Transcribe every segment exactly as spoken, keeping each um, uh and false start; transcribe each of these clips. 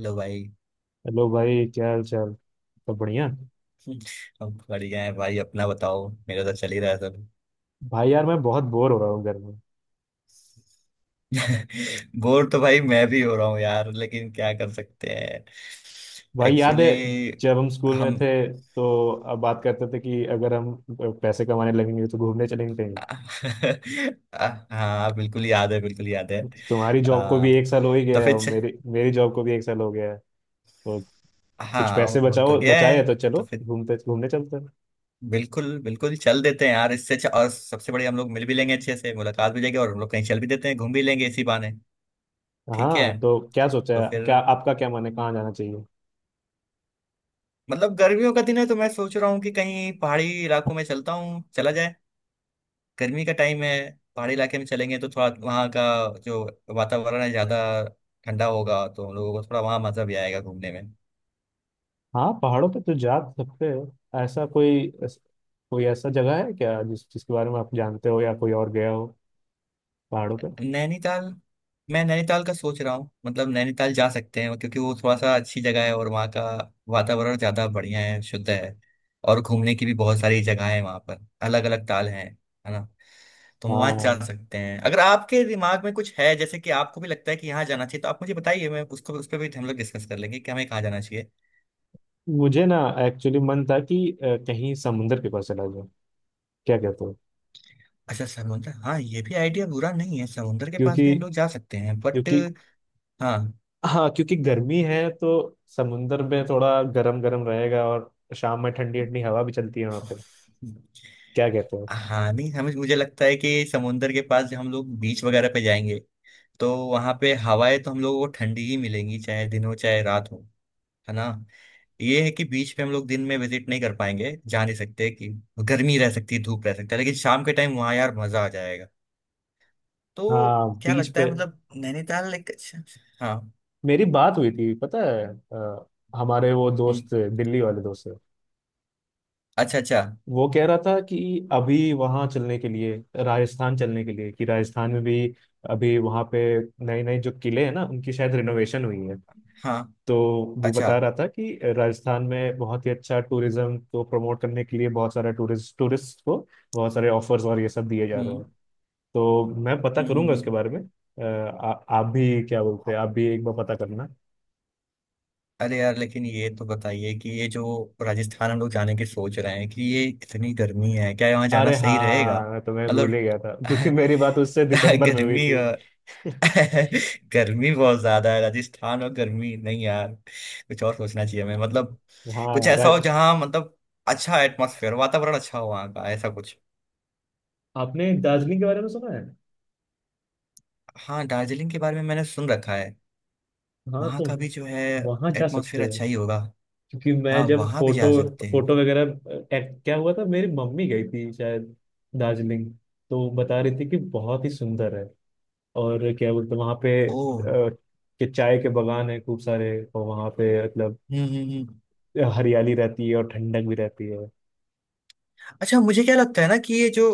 लो भाई। हेलो भाई, क्या हाल चाल? सब बढ़िया। अब बढ़िया है भाई। अपना बताओ, मेरा तो चल ही रहा है सब। भाई यार, मैं बहुत बोर हो रहा हूँ घर में। बोर तो भाई मैं भी हो रहा हूँ यार, लेकिन क्या कर सकते हैं। भाई, याद है एक्चुअली जब हम स्कूल में थे हम तो अब बात करते थे कि अगर हम पैसे कमाने लगेंगे तो घूमने चलेंगे कहीं। हाँ बिल्कुल याद है, बिल्कुल याद है। तुम्हारी जॉब को भी आ, एक साल हो ही गया तो है, फिर और च- मेरी मेरी जॉब को भी एक साल हो गया है। तो कुछ हाँ पैसे वो तो बचाओ गया बचाए है। हैं तो तो चलो फिर घूमते घूमने चलते हैं। बिल्कुल बिल्कुल चल देते हैं यार, इससे अच्छा और सबसे बड़ी हम लोग मिल भी लेंगे अच्छे से, मुलाकात भी हो जाएगी और हम लोग कहीं चल भी देते हैं, घूम भी लेंगे इसी बहाने। ठीक है। हाँ, तो क्या सोचा तो है, फिर क्या आपका क्या मन है, कहाँ जाना चाहिए? मतलब गर्मियों का दिन है, तो मैं सोच रहा हूँ कि कहीं पहाड़ी इलाकों में चलता हूँ, चला जाए। गर्मी का टाइम है। पहाड़ी इलाके में चलेंगे तो थोड़ा वहाँ का जो वातावरण है ज्यादा ठंडा होगा, तो हम लोगों को थोड़ा वहाँ मजा भी आएगा घूमने में। हाँ, पहाड़ों पे तो जा सकते हैं। ऐसा कोई कोई ऐसा जगह है क्या, जिस जिसके बारे में आप जानते हो या कोई और गया हो पहाड़ों पे? नैनीताल। मैं नैनीताल का सोच रहा हूँ, मतलब नैनीताल जा सकते हैं क्योंकि वो थोड़ा सा अच्छी जगह है और वहाँ का वातावरण ज्यादा बढ़िया है, शुद्ध है। और घूमने की भी बहुत सारी जगह है वहाँ पर, अलग अलग ताल हैं, है ना। तो हम वहां जा हाँ, सकते हैं। अगर आपके दिमाग में कुछ है, जैसे कि आपको भी लगता है कि यहाँ जाना चाहिए, तो आप मुझे बताइए, मैं उसको उस पर भी हम लोग डिस्कस कर लेंगे कि हमें कहाँ जाना चाहिए। मुझे ना एक्चुअली मन था कि अ, कहीं समुंदर के पास चला जाऊं। क्या कहते हो? अच्छा समुंदर, हाँ ये भी आइडिया बुरा नहीं है, समुंदर के पास भी क्योंकि हम लोग जा सकते हैं बट। क्योंकि हाँ। हाँ, क्योंकि गर्मी है तो समुंदर में थोड़ा गरम गरम रहेगा, और शाम में ठंडी ठंडी हवा भी चलती है वहां पे। क्या कहते हो? हाँ नहीं हमें, मुझे लगता है कि समुंदर के पास जब हम लोग बीच वगैरह पे जाएंगे, तो वहां पे हवाएं तो हम लोगों को ठंडी ही मिलेंगी, चाहे दिन हो चाहे रात हो, है ना। ये है कि बीच पे हम लोग दिन में विजिट नहीं कर पाएंगे, जा नहीं सकते, कि गर्मी रह सकती है, धूप रह सकता है, लेकिन शाम के टाइम वहाँ यार मजा आ जाएगा। तो हाँ, क्या बीच लगता पे है, मतलब नैनीताल एक अच्छा, अच्छा। हाँ। मेरी बात हुई थी पता है। अ, हमारे वो हम्म। दोस्त, दिल्ली वाले दोस्त। अच्छा, अच्छा। वो कह रहा था कि अभी वहाँ चलने के लिए राजस्थान चलने के लिए, कि राजस्थान में भी अभी वहाँ पे नए नए जो किले हैं ना, उनकी शायद रिनोवेशन हुई है। हाँ। तो वो अच्छा। बता रहा था कि राजस्थान में बहुत ही अच्छा टूरिज्म को प्रमोट करने के लिए बहुत सारा टूरिस्ट टूरिस्ट को बहुत सारे ऑफर्स और ये सब दिए जा रहे हैं। हम्म, तो मैं पता हम्म, हम्म, करूंगा हम्म। उसके बारे में। अ, आ, आप भी क्या बोलते हैं, आप भी एक बार पता करना। अरे यार, लेकिन ये तो बताइए कि ये जो राजस्थान हम लोग जाने की सोच रहे हैं, कि ये इतनी गर्मी है, क्या यहाँ जाना अरे सही रहेगा? हाँ, मैं तो मैं भूल ही मतलब। गया था क्योंकि मेरी बात उससे दिसंबर में हुई गर्मी। थी। गर्मी बहुत ज्यादा है राजस्थान और, गर्मी नहीं यार, कुछ और सोचना चाहिए हमें, मतलब। कुछ हाँ, ऐसा हो जहाँ, मतलब अच्छा एटमॉस्फेयर, वातावरण अच्छा हो वहाँ का, ऐसा कुछ। आपने दार्जिलिंग के बारे में सुना है? हाँ दार्जिलिंग के बारे में मैंने सुन रखा है। हाँ, वहाँ तो का भी जो है वहां जा सकते एटमॉस्फेयर हो। अच्छा ही होगा। क्योंकि मैं हाँ जब वहाँ भी फोटो जा सकते हैं। फोटो वगैरह, अ, क्या हुआ था, मेरी मम्मी गई थी शायद दार्जिलिंग। तो वो बता रही थी कि बहुत ही सुंदर है। और क्या बोलते वहां पे, अ, ओह। कि चाय के बगान है खूब सारे, और वहां पे मतलब हम्म, हम्म, हम्म। हरियाली रहती है और ठंडक भी रहती है। अच्छा मुझे क्या लगता है ना, कि ये जो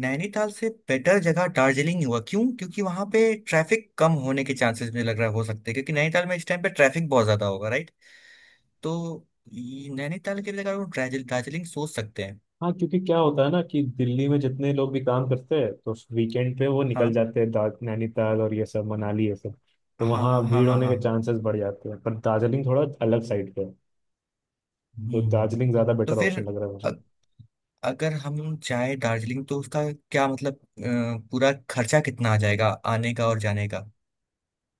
नैनीताल से बेटर जगह दार्जिलिंग ही हुआ, क्यों, क्योंकि वहां पे ट्रैफिक कम होने के चांसेस मुझे लग रहा है हो सकते हैं, क्योंकि नैनीताल में इस टाइम पे ट्रैफिक बहुत ज्यादा होगा, right? तो ये नैनीताल के जगह वो दार्जिल- दार्जिलिंग सोच सकते हैं। हाँ, क्योंकि क्या होता है ना कि दिल्ली में जितने लोग भी काम करते हैं तो वीकेंड पे वो निकल हाँ, जाते हैं दा- नैनीताल और ये सब, मनाली ये सब। तो हाँ, हाँ, वहाँ हाँ, भीड़ हाँ। होने हाँ। के चांसेस बढ़ जाते हैं, पर दार्जिलिंग थोड़ा अलग साइड पे है। तो हम्म। दार्जिलिंग ज़्यादा तो बेटर फिर ऑप्शन लग रहा है अ- मुझे। अगर हम जाए दार्जिलिंग तो उसका क्या मतलब, अ, पूरा खर्चा कितना आ जाएगा? आने का और जाने का।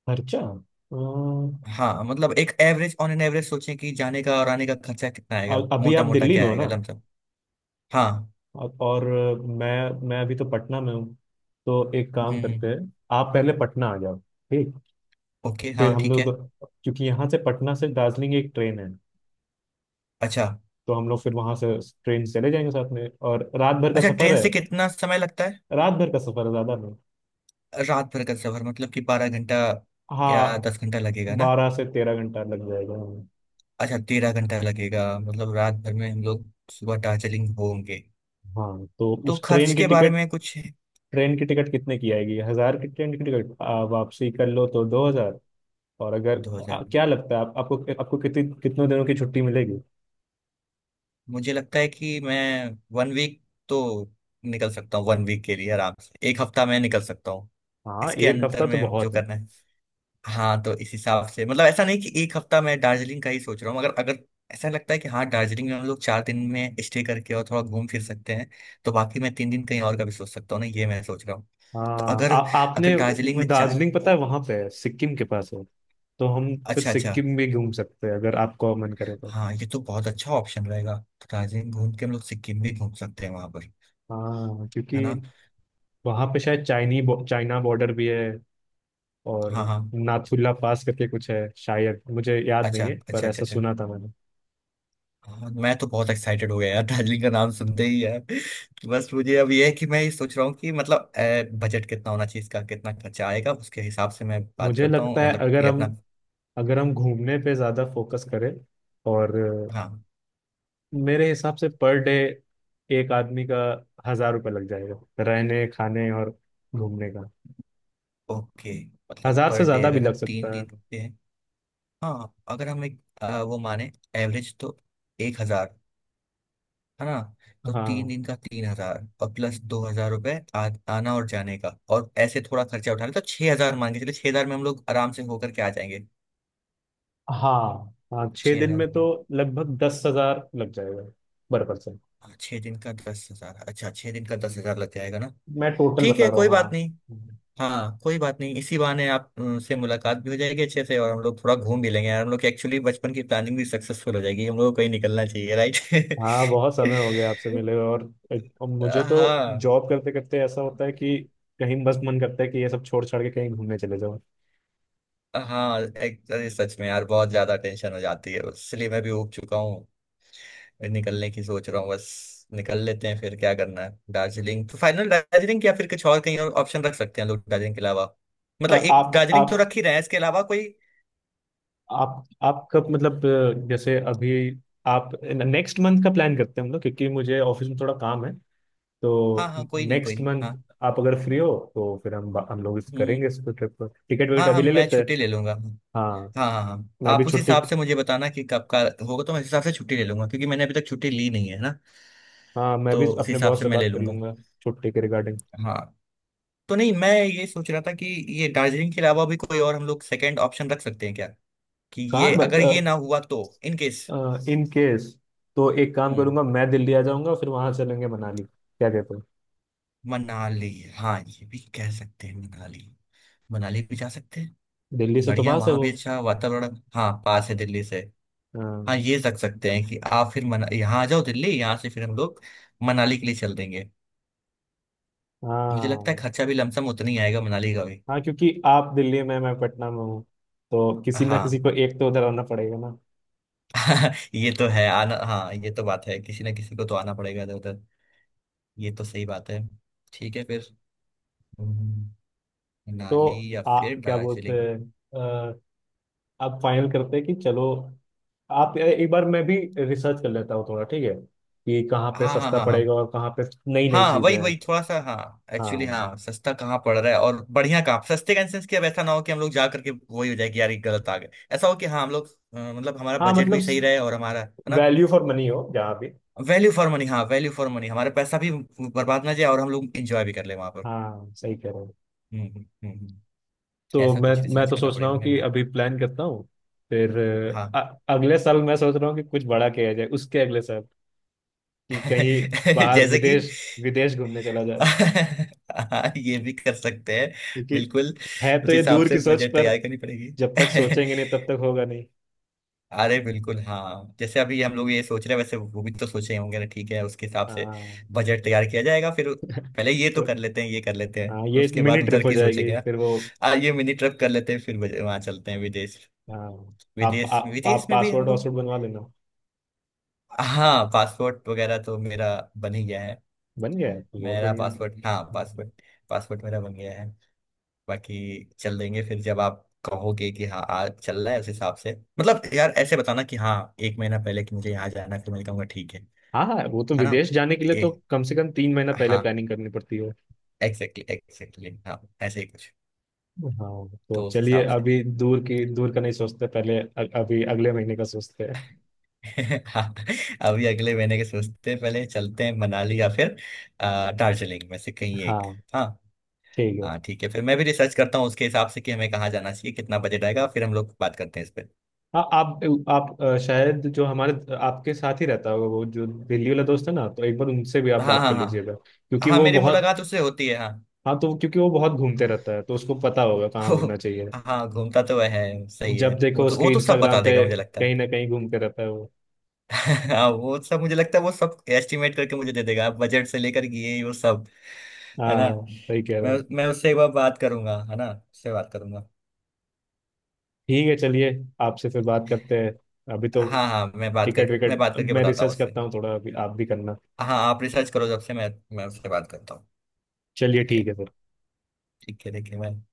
खर्चा। अम, हाँ मतलब एक एवरेज ऑन एन एवरेज सोचें कि जाने का और आने का खर्चा कितना अ- आएगा, अभी मोटा आप मोटा दिल्ली क्या में हो ना? आएगा, लमसम। हाँ। अब- और मैं मैं अभी तो पटना में हूँ। तो एक काम करते हम्म। हैं, आप पहले पटना आ जाओ, ठीक? ओके। फिर हाँ हम ठीक लोग है। क्योंकि यहाँ से पटना से दार्जिलिंग एक ट्रेन है। अच्छा। तो हम लोग फिर वहां से ट्रेन से चले जाएंगे साथ में, और रात भर का अच्छा, सफर ट्रेन है। से कितना समय लगता है? रात भर का सफर है, ज्यादा नहीं। रात भर का सफर, मतलब कि बारह घंटा या हाँ, दस घंटा लगेगा ना? बारह से तेरह घंटा लग जाएगा हमें। अच्छा, तेरह घंटा लगेगा? मतलब रात भर में हम लोग सुबह दार्जिलिंग होंगे। हाँ, तो तो उस खर्च ट्रेन की के बारे टिकट में कुछ है? ट्रेन की टिकट कितने की आएगी? हजार की ट्रेन की टिकट, आ, वापसी कर लो तो दो हजार। और अगर दो हजार? आ, क्या लगता है आप, आपको, आपको कितनी कितनों दिनों की छुट्टी मिलेगी? मुझे लगता है कि मैं वन वीक तो निकल सकता हूँ, वन वीक के लिए आराम से, एक हफ्ता में निकल सकता हूँ। हाँ, इसके एक अंतर हफ्ता तो में जो बहुत है। करना है। हाँ तो इस हिसाब से मतलब ऐसा नहीं कि एक हफ्ता मैं दार्जिलिंग का ही सोच रहा हूँ, अगर अगर ऐसा लगता है कि हाँ दार्जिलिंग में हम लोग चार दिन में स्टे करके और थोड़ा घूम फिर सकते हैं, तो बाकी मैं तीन दिन कहीं और का भी सोच सकता हूँ ना, ये मैं सोच रहा हूँ। तो हाँ अगर आ, अगर आपने दार्जिलिंग में चार। दार्जिलिंग पता है वहां पे, है सिक्किम के पास है। तो हम फिर अच्छा, अच्छा। सिक्किम भी घूम सकते हैं, अगर आपको मन करे तो। हाँ ये तो बहुत अच्छा ऑप्शन रहेगा। दार्जिलिंग घूम के हम लोग सिक्किम भी घूम सकते हैं वहां पर, हाँ, क्योंकि है ना। वहां पे शायद चाइनी बो, चाइना बॉर्डर भी है। और हाँ, हाँ। नाथुला पास करके कुछ है शायद, मुझे याद नहीं अच्छा, है पर अच्छा, अच्छा, ऐसा अच्छा। सुना था मैंने। हाँ मैं तो बहुत एक्साइटेड हो गया यार दार्जिलिंग का नाम सुनते ही यार। बस मुझे अब ये है कि मैं ये सोच रहा हूँ कि मतलब बजट कितना होना चाहिए इसका, कितना खर्चा आएगा, उसके हिसाब से मैं बात मुझे करता लगता हूँ, है, मतलब अगर कि हम अपना। अगर हम घूमने पे ज्यादा फोकस करें और अ, हाँ। मेरे हिसाब से पर डे एक आदमी का हजार रुपये लग जाएगा, रहने खाने और घूमने का। ओके। मतलब हजार पर से डे ज्यादा भी अगर लग हम तीन सकता है। दिन रुकते हैं। हाँ अगर हम एक, अ, वो माने एवरेज तो एक हजार, है ना। तो तीन हाँ दिन का तीन हजार और प्लस दो हजार रुपए आ- आना और जाने का, और ऐसे थोड़ा खर्चा उठाना, तो छह हजार मान के चलिए, छह हजार में हम लोग आराम से होकर के आ जाएंगे। हाँ हाँ, छः छह दिन हजार में तो रुपये लगभग दस हजार लग जाएगा पर पर्सन। हाँ, छह दिन का दस हजार? अच्छा, छह दिन का दस हजार लग जाएगा ना? मैं टोटल ठीक बता है रहा हूँ कोई बात नहीं। हाँ। हाँ कोई बात नहीं, इसी बहाने आप अ, से मुलाकात भी हो जाएगी अच्छे से, और हम लोग थोड़ा घूम भी लेंगे यार, हम लोग की एक्चुअली बचपन की प्लानिंग भी सक्सेसफुल हो जाएगी। हम लोग को कहीं निकलना चाहिए, राइट। हाँ, बहुत समय हो गया आपसे मिले हुए, और, एक- और मुझे तो हाँ, जॉब करते करते ऐसा होता है कि कहीं बस मन करता है कि ये सब छोड़ छाड़ के कहीं घूमने चले जाओ। हाँ। एक अरे सच में यार, बहुत ज्यादा टेंशन हो जाती है, इसलिए मैं भी उब चुका हूँ, निकलने की सोच रहा हूँ, बस निकल लेते हैं, फिर क्या करना है। दार्जिलिंग तो फाइनल? दार्जिलिंग या फिर कुछ और, कहीं और ऑप्शन रख सकते हैं लोग दार्जिलिंग के अलावा। अ, मतलब एक आप दार्जिलिंग तो आप रख ही रहे हैं, इसके अलावा कोई। आप आप कब, मतलब अ, जैसे अभी आप नेक्स्ट मंथ का प्लान करते हैं हम लोग, क्योंकि मुझे ऑफिस में थोड़ा काम है। हाँ, तो हाँ, कोई नहीं, कोई नेक्स्ट नहीं, हाँ। मंथ आप अगर फ्री हो तो फिर हम हम लोग इस हम्म, हम्म। करेंगे इस ट्रिप पर टिकट विकेट हाँ, हाँ, अभी ले मैं लेते हैं। छुट्टी ले लूंगा। हाँ, हाँ, हाँ, हाँ, मैं भी आप उस छुट्टी हिसाब से मुझे बताना कि कब का होगा, तो मैं उस हिसाब से छुट्टी ले लूंगा क्योंकि मैंने अभी तक छुट्टी ली नहीं है ना, हाँ मैं तो भी उस अपने हिसाब बॉस से से मैं ले बात कर लूंगा। लूंगा छुट्टी के रिगार्डिंग। हाँ। तो नहीं मैं ये सोच रहा था कि ये दार्जिलिंग के अलावा भी कोई और हम लोग सेकंड ऑप्शन रख सकते हैं क्या, कि ये कहाँ? अगर ये ना हुआ तो, इन केस। इन केस, तो एक काम हम्म। करूंगा, मैं दिल्ली आ जाऊंगा, फिर वहां चलेंगे मनाली। क्या कहते हो? मनाली। हाँ ये भी कह सकते हैं, मनाली। मनाली भी जा सकते हैं। दिल्ली से तो बढ़िया, पास है वहां वो। भी अच्छा वातावरण। हाँ, पास है दिल्ली से। हाँ हाँ ये रख सकते हैं कि आप फिर मना यहाँ आ जाओ दिल्ली, यहाँ से फिर हम लोग मनाली के लिए चल देंगे। मुझे लगता है हाँ खर्चा भी लमसम उतना ही आएगा मनाली का भी। हाँ। क्योंकि आप दिल्ली में, मैं पटना में हूँ। तो किसी ना किसी हाँ। को एक तो उधर आना पड़ेगा ना। ये तो है, आना, हाँ ये तो बात है, किसी ना किसी को तो आना पड़ेगा इधर उधर। ये तो सही बात है। ठीक है फिर। हम्म, तो मनाली या आ फिर क्या बोलते दार्जिलिंग। हैं? अ, आप फाइनल करते हैं कि चलो, आप एक बार, मैं भी रिसर्च कर लेता हूँ थोड़ा, ठीक है? कि कहाँ पे हाँ, हाँ, सस्ता हाँ, हाँ, पड़ेगा और कहाँ पे नई नई हाँ, चीजें वही हैं। वही, थोड़ा सा हाँ एक्चुअली, हाँ हाँ सस्ता कहाँ पड़ रहा है और बढ़िया कहाँ, सस्ते का इंसेंस, कि अब ऐसा ना हो कि हम लोग जा करके वही हो जाए कि यार ये गलत आ गए। ऐसा हो कि हाँ हम लोग अ, मतलब हमारा हाँ, बजट मतलब भी सही रहे और हमारा, है ना। वैल्यू फॉर मनी हो जहाँ भी। वैल्यू फॉर मनी, हाँ वैल्यू फॉर मनी, हमारा पैसा भी बर्बाद ना जाए और हम लोग एंजॉय भी कर ले वहां पर। हाँ, सही कह रहे हो। हम्म, हम्म, हम्म, हम्म। तो ऐसा मैं कुछ मैं रिसर्च तो करना सोच रहा पड़ेगा, हूँ मैं भी कि देख। अभी प्लान करता हूँ, फिर हाँ। अ, अगले साल मैं सोच रहा हूँ कि कुछ बड़ा किया जाए उसके अगले साल, कि कहीं बाहर जैसे कि। विदेश, विदेश घूमने चला जाए। हाँ ये भी कर सकते हैं, क्योंकि बिल्कुल। है तो उस ये हिसाब दूर से की सोच, बजट पर तैयार करनी पड़ेगी। जब तक सोचेंगे नहीं तब तक होगा नहीं। अरे बिल्कुल, हाँ जैसे अभी हम लोग ये सोच रहे हैं, वैसे वो भी तो सोचे ही होंगे ना। ठीक है, उसके हिसाब से हाँ। बजट तैयार किया जाएगा फिर। पहले ये तो तो कर लेते हैं, ये कर लेते हाँ, हैं, ये उसके मिनी बाद उधर ट्रिप हो की सोचे जाएगी क्या। फिर वो। आ, ये मिनी ट्रिप कर लेते हैं, फिर वहां चलते हैं विदेश। हाँ, आप विदेश, आप, आप विदेश में भी हम पासवर्ड लोग। वासवर्ड बनवा लेना। हाँ पासपोर्ट वगैरह तो मेरा बन ही गया है। बन गया है? तो बहुत मेरा बढ़िया है। पासपोर्ट, हाँ पासपोर्ट, पासपोर्ट मेरा बन गया है। बाकी चल देंगे फिर जब आप कहोगे कि हाँ आज चल रहा है, उस हिसाब से। मतलब यार ऐसे बताना कि हाँ, एक महीना पहले कि मुझे यहाँ जाना है, फिर मैं कहूँगा ठीक है। हाँ हाँ, वो तो है ना। विदेश जाने के लिए तो ए, कम से कम तीन महीना पहले हाँ प्लानिंग करनी पड़ती है। एग्जैक्टली, एग्जैक्टली, हाँ ऐसे ही कुछ। हाँ तो तो उस चलिए, हिसाब से। अभी दूर की दूर का नहीं सोचते, पहले अ- अभी अगले महीने का सोचते हैं। हाँ अभी अगले महीने के सोचते हैं पहले, चलते हैं मनाली या फिर अ, दार्जिलिंग में से कहीं एक। हाँ, हाँ। ठीक है। हाँ ठीक है फिर। मैं भी रिसर्च करता हूँ उसके हिसाब से कि हमें कहाँ जाना चाहिए, कितना बजट आएगा, फिर हम लोग बात करते हैं इस पर। हाँ, आप आप अ, शायद जो हमारे, आपके साथ ही रहता होगा, वो जो दिल्ली वाला दोस्त है ना, तो एक बार उनसे भी आप हाँ, बात हाँ, कर लीजिएगा, हाँ, क्योंकि हाँ, वो मेरी बहुत। मुलाकात उससे होती है, हाँ। हाँ तो क्योंकि वो बहुत घूमते रहता है तो उसको पता होगा कहाँ ओह, घूमना चाहिए। हाँ घूमता तो वह है, सही है, जब देखो वो तो वो उसके तो सब बता इंस्टाग्राम पे देगा मुझे लगता है। कहीं ना कहीं घूमते रहता है वो। हाँ वो सब, मुझे लगता है वो सब एस्टिमेट करके मुझे दे देगा, बजट से लेकर कि ये वो सब, है ना। हाँ, सही कह रहे मैं हो। मैं उससे एक बार बात करूंगा, है ना, उससे बात करूंगा। ठीक है चलिए, आपसे फिर बात करते हैं। अभी तो हाँ, हाँ, मैं बात टिकट करके मैं विकट, बात करके मैं बताता हूँ रिसर्च उससे। करता हूँ थोड़ा अभी, आप भी करना। हाँ आप रिसर्च करो, जब से मैं मैं उससे बात करता हूँ। चलिए, ठीक ठीक है। है फिर। ठीक है देखिए मैं